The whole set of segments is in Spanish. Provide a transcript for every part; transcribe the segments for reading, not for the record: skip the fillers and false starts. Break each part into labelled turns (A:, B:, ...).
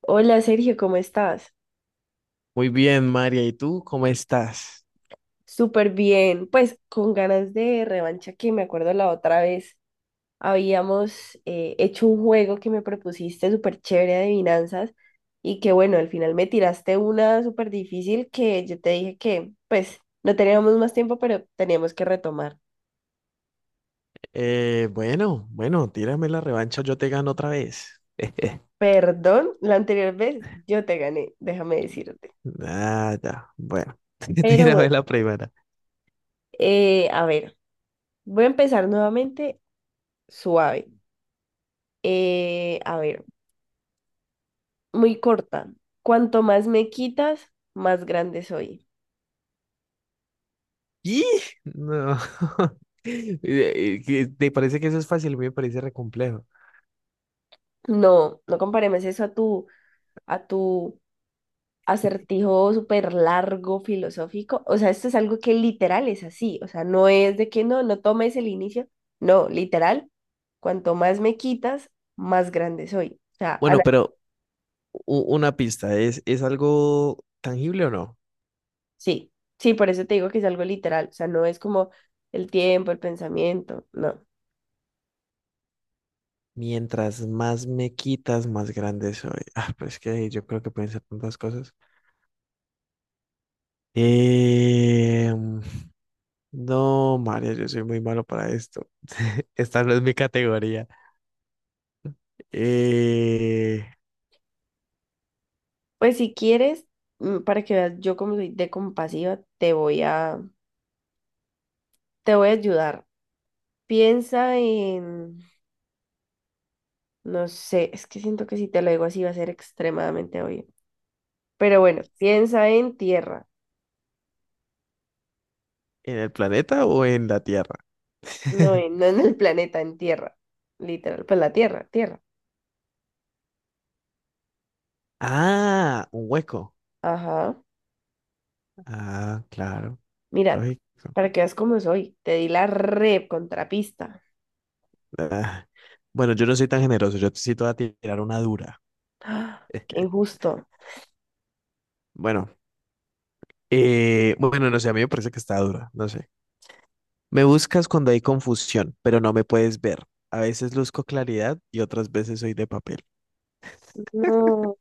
A: Hola Sergio, ¿cómo estás?
B: Muy bien, María. ¿Y tú cómo estás?
A: Súper bien, pues con ganas de revancha que me acuerdo la otra vez habíamos hecho un juego que me propusiste súper chévere de adivinanzas y que bueno, al final me tiraste una súper difícil que yo te dije que pues no teníamos más tiempo, pero teníamos que retomar.
B: Bueno, Tírame la revancha, yo te gano otra vez.
A: Perdón, la anterior vez yo te gané, déjame decirte.
B: Ah, ya. Bueno,
A: Pero bueno,
B: tírame la primera.
A: a ver, voy a empezar nuevamente suave. A ver, muy corta. Cuanto más me quitas, más grande soy.
B: ¡Y! No. ¿Te parece que eso es fácil? A mí me parece re complejo.
A: No, no comparemos eso a a tu acertijo súper largo filosófico. O sea, esto es algo que literal es así. O sea, no es de que no, no tomes el inicio. No, literal, cuanto más me quitas, más grande soy. O sea,
B: Bueno, pero una pista, ¿es algo tangible o no?
A: sí, sí, por eso te digo que es algo literal. O sea, no es como el tiempo, el pensamiento, no.
B: Mientras más me quitas, más grande soy. Ah, pues que yo creo que pueden ser tantas cosas. Eh, No, María, yo soy muy malo para esto. Esta no es mi categoría. Eh,
A: Pues si quieres, para que veas yo como soy de compasiva, te voy a ayudar. Piensa en, no sé, es que siento que si te lo digo así va a ser extremadamente obvio. Pero bueno, piensa en tierra,
B: ¿En el planeta o en la Tierra?
A: no en el planeta, en tierra. Literal, pues la tierra, tierra.
B: Ah, un hueco.
A: Ajá.
B: Ah, claro,
A: Mira,
B: lógico.
A: para que veas cómo soy, te di la re contrapista.
B: Ah, Bueno, yo no soy tan generoso, yo sí te voy a tirar una dura.
A: ¡Ah! Qué injusto.
B: Bueno, bueno, no sé, a mí me parece que está dura, no sé. Me buscas cuando hay confusión, pero no me puedes ver. A veces luzco claridad y otras veces soy de papel.
A: No.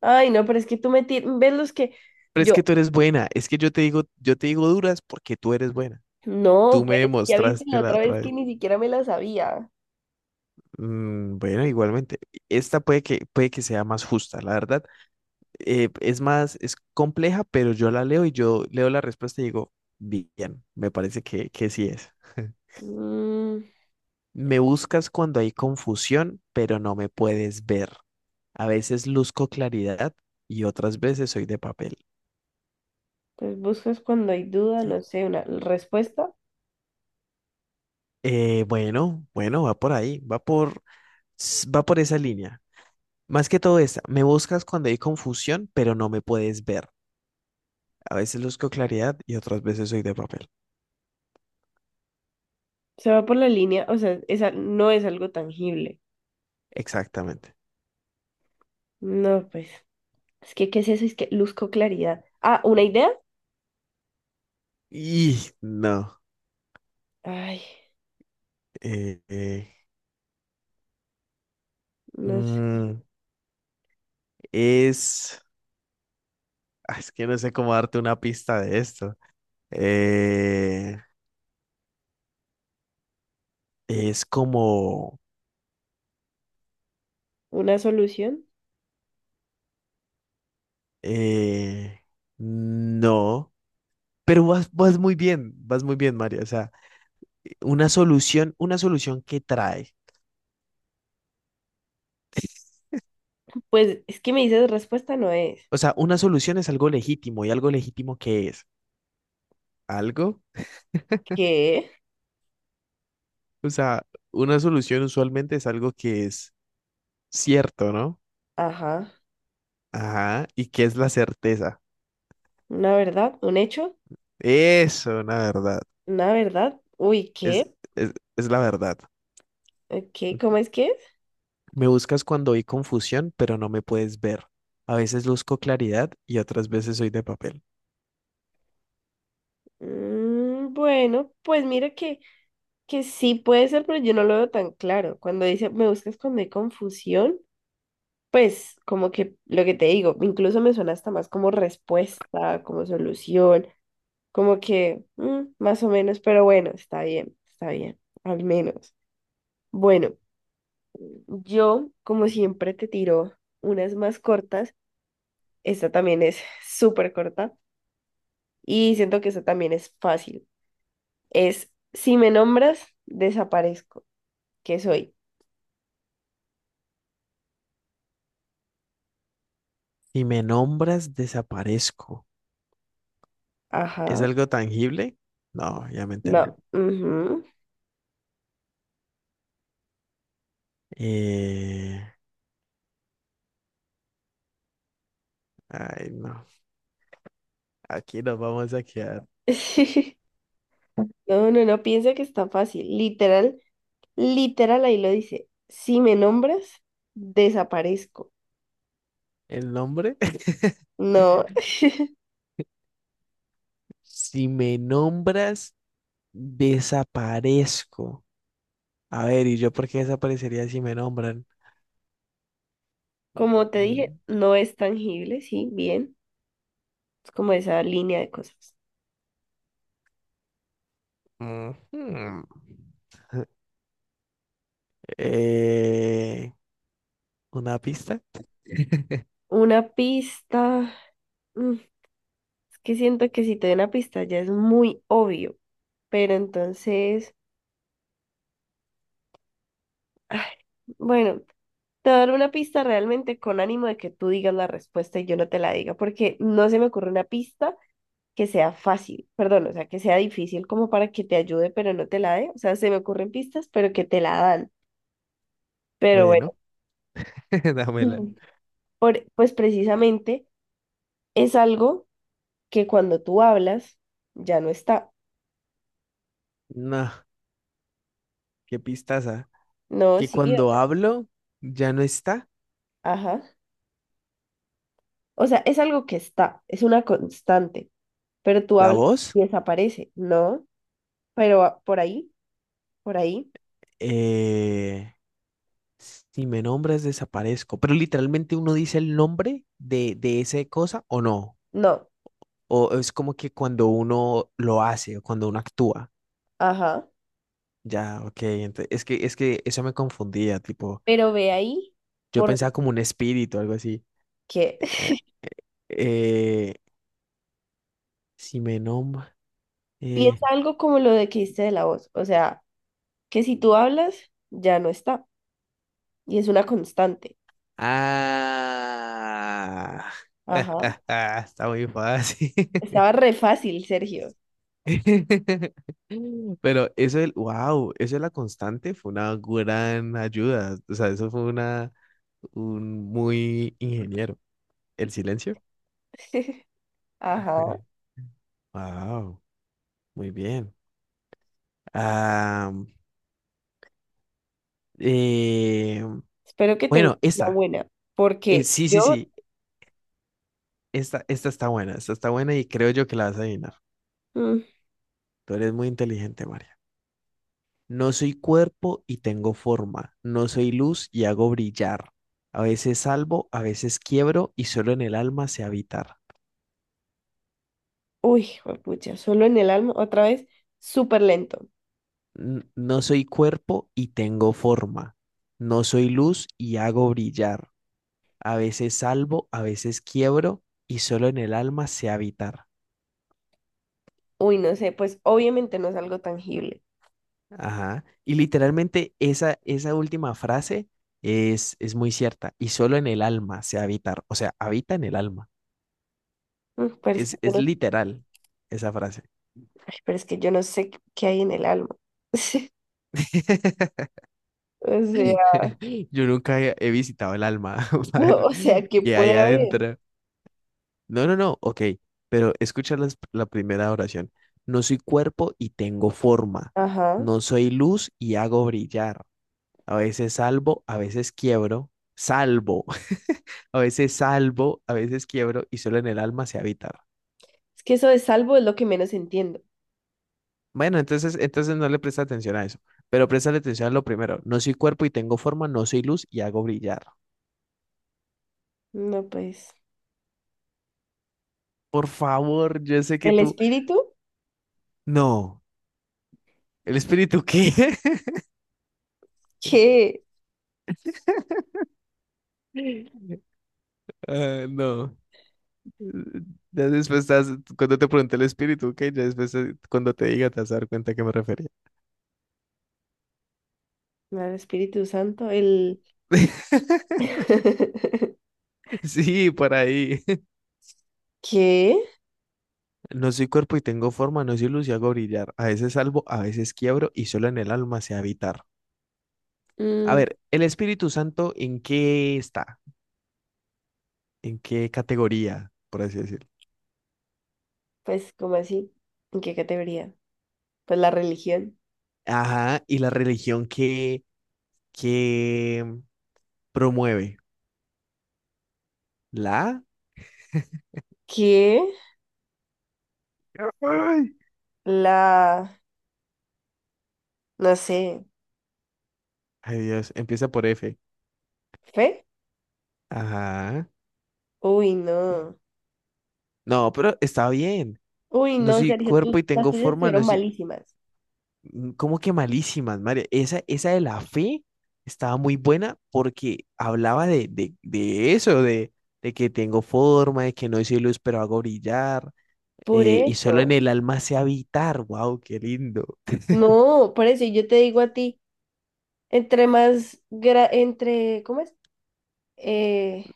A: Ay, no, pero es que ves los que
B: Pero es
A: yo.
B: que tú eres buena, es que yo te digo duras porque tú eres buena.
A: No,
B: Tú me
A: pero es que ya viste la
B: demostraste la
A: otra
B: otra
A: vez que
B: vez.
A: ni siquiera me la sabía.
B: Mm, bueno, igualmente, esta puede que sea más justa, la verdad. Es más, es compleja, pero yo la leo y yo leo la respuesta y digo, bien, me parece que sí es.
A: Mm.
B: Me buscas cuando hay confusión, pero no me puedes ver. A veces luzco claridad y otras veces soy de papel.
A: Entonces buscas cuando hay duda, no sé, una respuesta.
B: Bueno, va por ahí, va por esa línea. Más que todo esta, me buscas cuando hay confusión, pero no me puedes ver. A veces busco claridad y otras veces soy de papel.
A: Se va por la línea, o sea, esa no es algo tangible.
B: Exactamente.
A: No, pues, es que, ¿qué es eso? Es que luzco claridad. Ah, ¿una idea?
B: Y no.
A: Ay,
B: eh, eh,
A: no sé.
B: mm, es. Es que no sé cómo darte una pista de esto. Eh, es como.
A: ¿Una solución?
B: eh, no. Pero vas, vas muy bien, Mario. O sea, una solución que trae.
A: Pues, es que me dices respuesta no es.
B: O sea, una solución es algo legítimo y algo legítimo que es. Algo.
A: ¿Qué?
B: O sea, una solución usualmente es algo que es cierto, ¿no?
A: Ajá.
B: Ajá, y que es la certeza.
A: ¿Una verdad? ¿Un hecho?
B: Eso, la verdad.
A: ¿Una verdad? Uy,
B: Es,
A: ¿qué?
B: es la verdad.
A: ¿Qué? ¿Cómo es que es?
B: Me buscas cuando hay confusión, pero no me puedes ver. A veces busco claridad y otras veces soy de papel.
A: Mm, bueno, pues mira que sí puede ser, pero yo no lo veo tan claro. Cuando dice, me buscas cuando hay confusión, pues como que lo que te digo, incluso me suena hasta más como respuesta, como solución, como que mm, más o menos, pero bueno, está bien, al menos. Bueno, yo como siempre te tiro unas más cortas, esta también es súper corta. Y siento que eso también es fácil. Es, si me nombras, desaparezco. ¿Qué soy?
B: Si me nombras, desaparezco. ¿Es
A: Ajá.
B: algo tangible? No, obviamente
A: No.
B: no.
A: Ujú.
B: Eh, ay, no. Aquí nos vamos a quedar.
A: Sí. No, no, no, piensa que está fácil. Literal ahí lo dice. Si me nombras, desaparezco.
B: ¿El nombre?
A: No.
B: Si me nombras, desaparezco. A ver, ¿y yo por qué desaparecería si me nombran?
A: Como te dije,
B: Mm,
A: no es tangible, sí, bien. Es como esa línea de cosas.
B: ujú. Eh, ¿una pista?
A: Una pista. mm, Es que siento que si te doy una pista ya es muy obvio. Pero entonces... Ay, bueno, te voy a dar una pista realmente con ánimo de que tú digas la respuesta y yo no te la diga, porque no se me ocurre una pista que sea fácil, perdón, o sea, que sea difícil como para que te ayude, pero no te la dé. O sea, se me ocurren pistas, pero que te la dan. Pero bueno,
B: Bueno, dámela.
A: mm, pues precisamente es algo que cuando tú hablas ya no está.
B: No, qué pistaza.
A: No,
B: Que
A: sí,
B: cuando hablo ya no está
A: ajá. O sea, es algo que está, es una constante, pero tú
B: la
A: hablas
B: voz.
A: y desaparece, ¿no? Pero ah, por ahí.
B: Eh, si me nombras, desaparezco. Pero literalmente uno dice el nombre de esa cosa o no.
A: No,
B: O es como que cuando uno lo hace o cuando uno actúa.
A: ajá,
B: Ya, ok. Es que eso me confundía, tipo,
A: pero ve ahí
B: yo
A: por
B: pensaba como un espíritu, algo así.
A: ¿qué?
B: Eh, eh, si me nombra. Eh,
A: Piensa algo como lo de que dijiste de la voz, o sea, que si tú hablas, ya no está, y es una constante.
B: ah.
A: Ajá.
B: Está muy fácil.
A: Estaba re fácil, Sergio.
B: Pero eso del, wow, eso de la constante fue una gran ayuda. O sea, eso fue una, un muy ingeniero. El silencio.
A: Ajá.
B: Wow, muy bien. Eh,
A: Espero que tengas
B: bueno,
A: una
B: esta.
A: buena, porque
B: Sí, sí,
A: yo,
B: sí. Esta está buena. Esta está buena y creo yo que la vas a adivinar.
A: mm,
B: Tú eres muy inteligente, María. No soy cuerpo y tengo forma. No soy luz y hago brillar. A veces salvo, a veces quiebro y solo en el alma sé habitar.
A: uy, pucha, solo en el alma, otra vez, súper lento.
B: No soy cuerpo y tengo forma. No soy luz y hago brillar. A veces salvo, a veces quiebro y solo en el alma sé habitar.
A: Uy, no sé, pues obviamente no es algo tangible.
B: Ajá. Y literalmente esa, esa última frase es muy cierta. Y solo en el alma se habita. O sea, habita en el alma.
A: Mm, pero es que yo
B: Es
A: no,
B: literal esa frase.
A: ay, pero es que yo no sé qué qué hay en el alma. O sea,
B: Yo nunca he visitado el alma para ver
A: o sea, que
B: qué hay
A: puede haber.
B: adentro. No, no, no. Ok. Pero escucha la primera oración. No soy cuerpo y tengo forma.
A: Ajá.
B: No soy luz y hago brillar. A veces salvo, a veces quiebro. Salvo. A veces salvo, a veces quiebro y solo en el alma sé habitar.
A: Es que eso de salvo es lo que menos entiendo.
B: Bueno, entonces, entonces no le presta atención a eso, pero presta atención a lo primero. No soy cuerpo y tengo forma, no soy luz y hago brillar.
A: No, pues,
B: Por favor, yo sé que
A: el
B: tú...
A: espíritu,
B: No, ¿el espíritu qué?
A: ¿qué?
B: Ah, no. Ya después estás, cuando te pregunté el espíritu, ¿qué? Ya después cuando te diga te vas a dar cuenta a qué me refería.
A: No, el Espíritu Santo, el...
B: Sí, por ahí.
A: ¿Qué?
B: No soy cuerpo y tengo forma, no soy luz y hago brillar. A veces salvo, a veces quiebro y solo en el alma sé habitar. A
A: Mm,
B: ver, ¿el Espíritu Santo en qué está? ¿En qué categoría, por así decirlo?
A: pues, ¿cómo así? ¿En qué categoría? Pues la religión.
B: Ajá, y la religión que promueve. ¿La?
A: ¿Qué?
B: Ay,
A: La... no sé,
B: Ay, Dios, empieza por F.
A: ¿fe?
B: Ajá.
A: Uy, no.
B: No, pero está bien.
A: Uy,
B: No
A: no,
B: soy
A: Sergio, tú,
B: cuerpo y
A: las
B: tengo
A: tuyas
B: forma, no
A: estuvieron
B: soy
A: malísimas.
B: Mm, ¿cómo que malísimas, María? Esa de la fe estaba muy buena porque hablaba de eso, de que tengo forma, de que no soy luz, pero hago brillar,
A: Por
B: y solo en
A: eso.
B: el alma sé habitar. ¡Wow, qué lindo!
A: No, por eso, y yo te digo a ti, entre más, gra- entre, ¿cómo es? eh,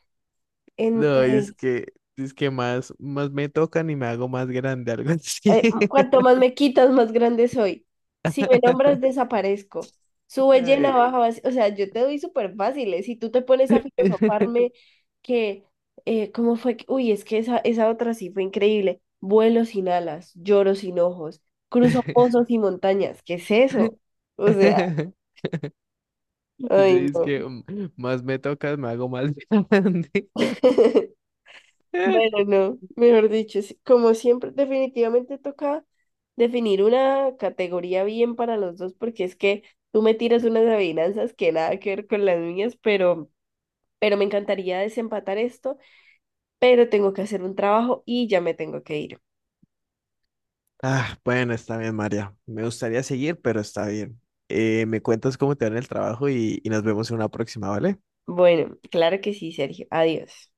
B: No,
A: entre,
B: es que más, más me tocan y me hago más grande, algo así.
A: cuanto más me quitas, más grande soy. Si me nombras, desaparezco. Sube llena,
B: Ay.
A: baja vacía. O sea, yo te doy súper fáciles. Si tú te pones a filosofarme que, ¿cómo fue? Uy, es que esa otra sí fue increíble. Vuelo sin alas, lloro sin ojos, cruzo pozos y montañas. ¿Qué es eso? O sea,
B: Yo
A: ay,
B: es
A: no.
B: que mm, más me tocas, me hago más grande.
A: Bueno, no, mejor dicho, sí, como siempre, definitivamente toca definir una categoría bien para los dos, porque es que tú me tiras unas adivinanzas que nada que ver con las mías, pero me encantaría desempatar esto, pero tengo que hacer un trabajo y ya me tengo que ir.
B: Ah, bueno, está bien, María. Me gustaría seguir, pero está bien. Me cuentas cómo te va en el trabajo y nos vemos en una próxima, ¿vale?
A: Bueno, claro que sí, Sergio. Adiós.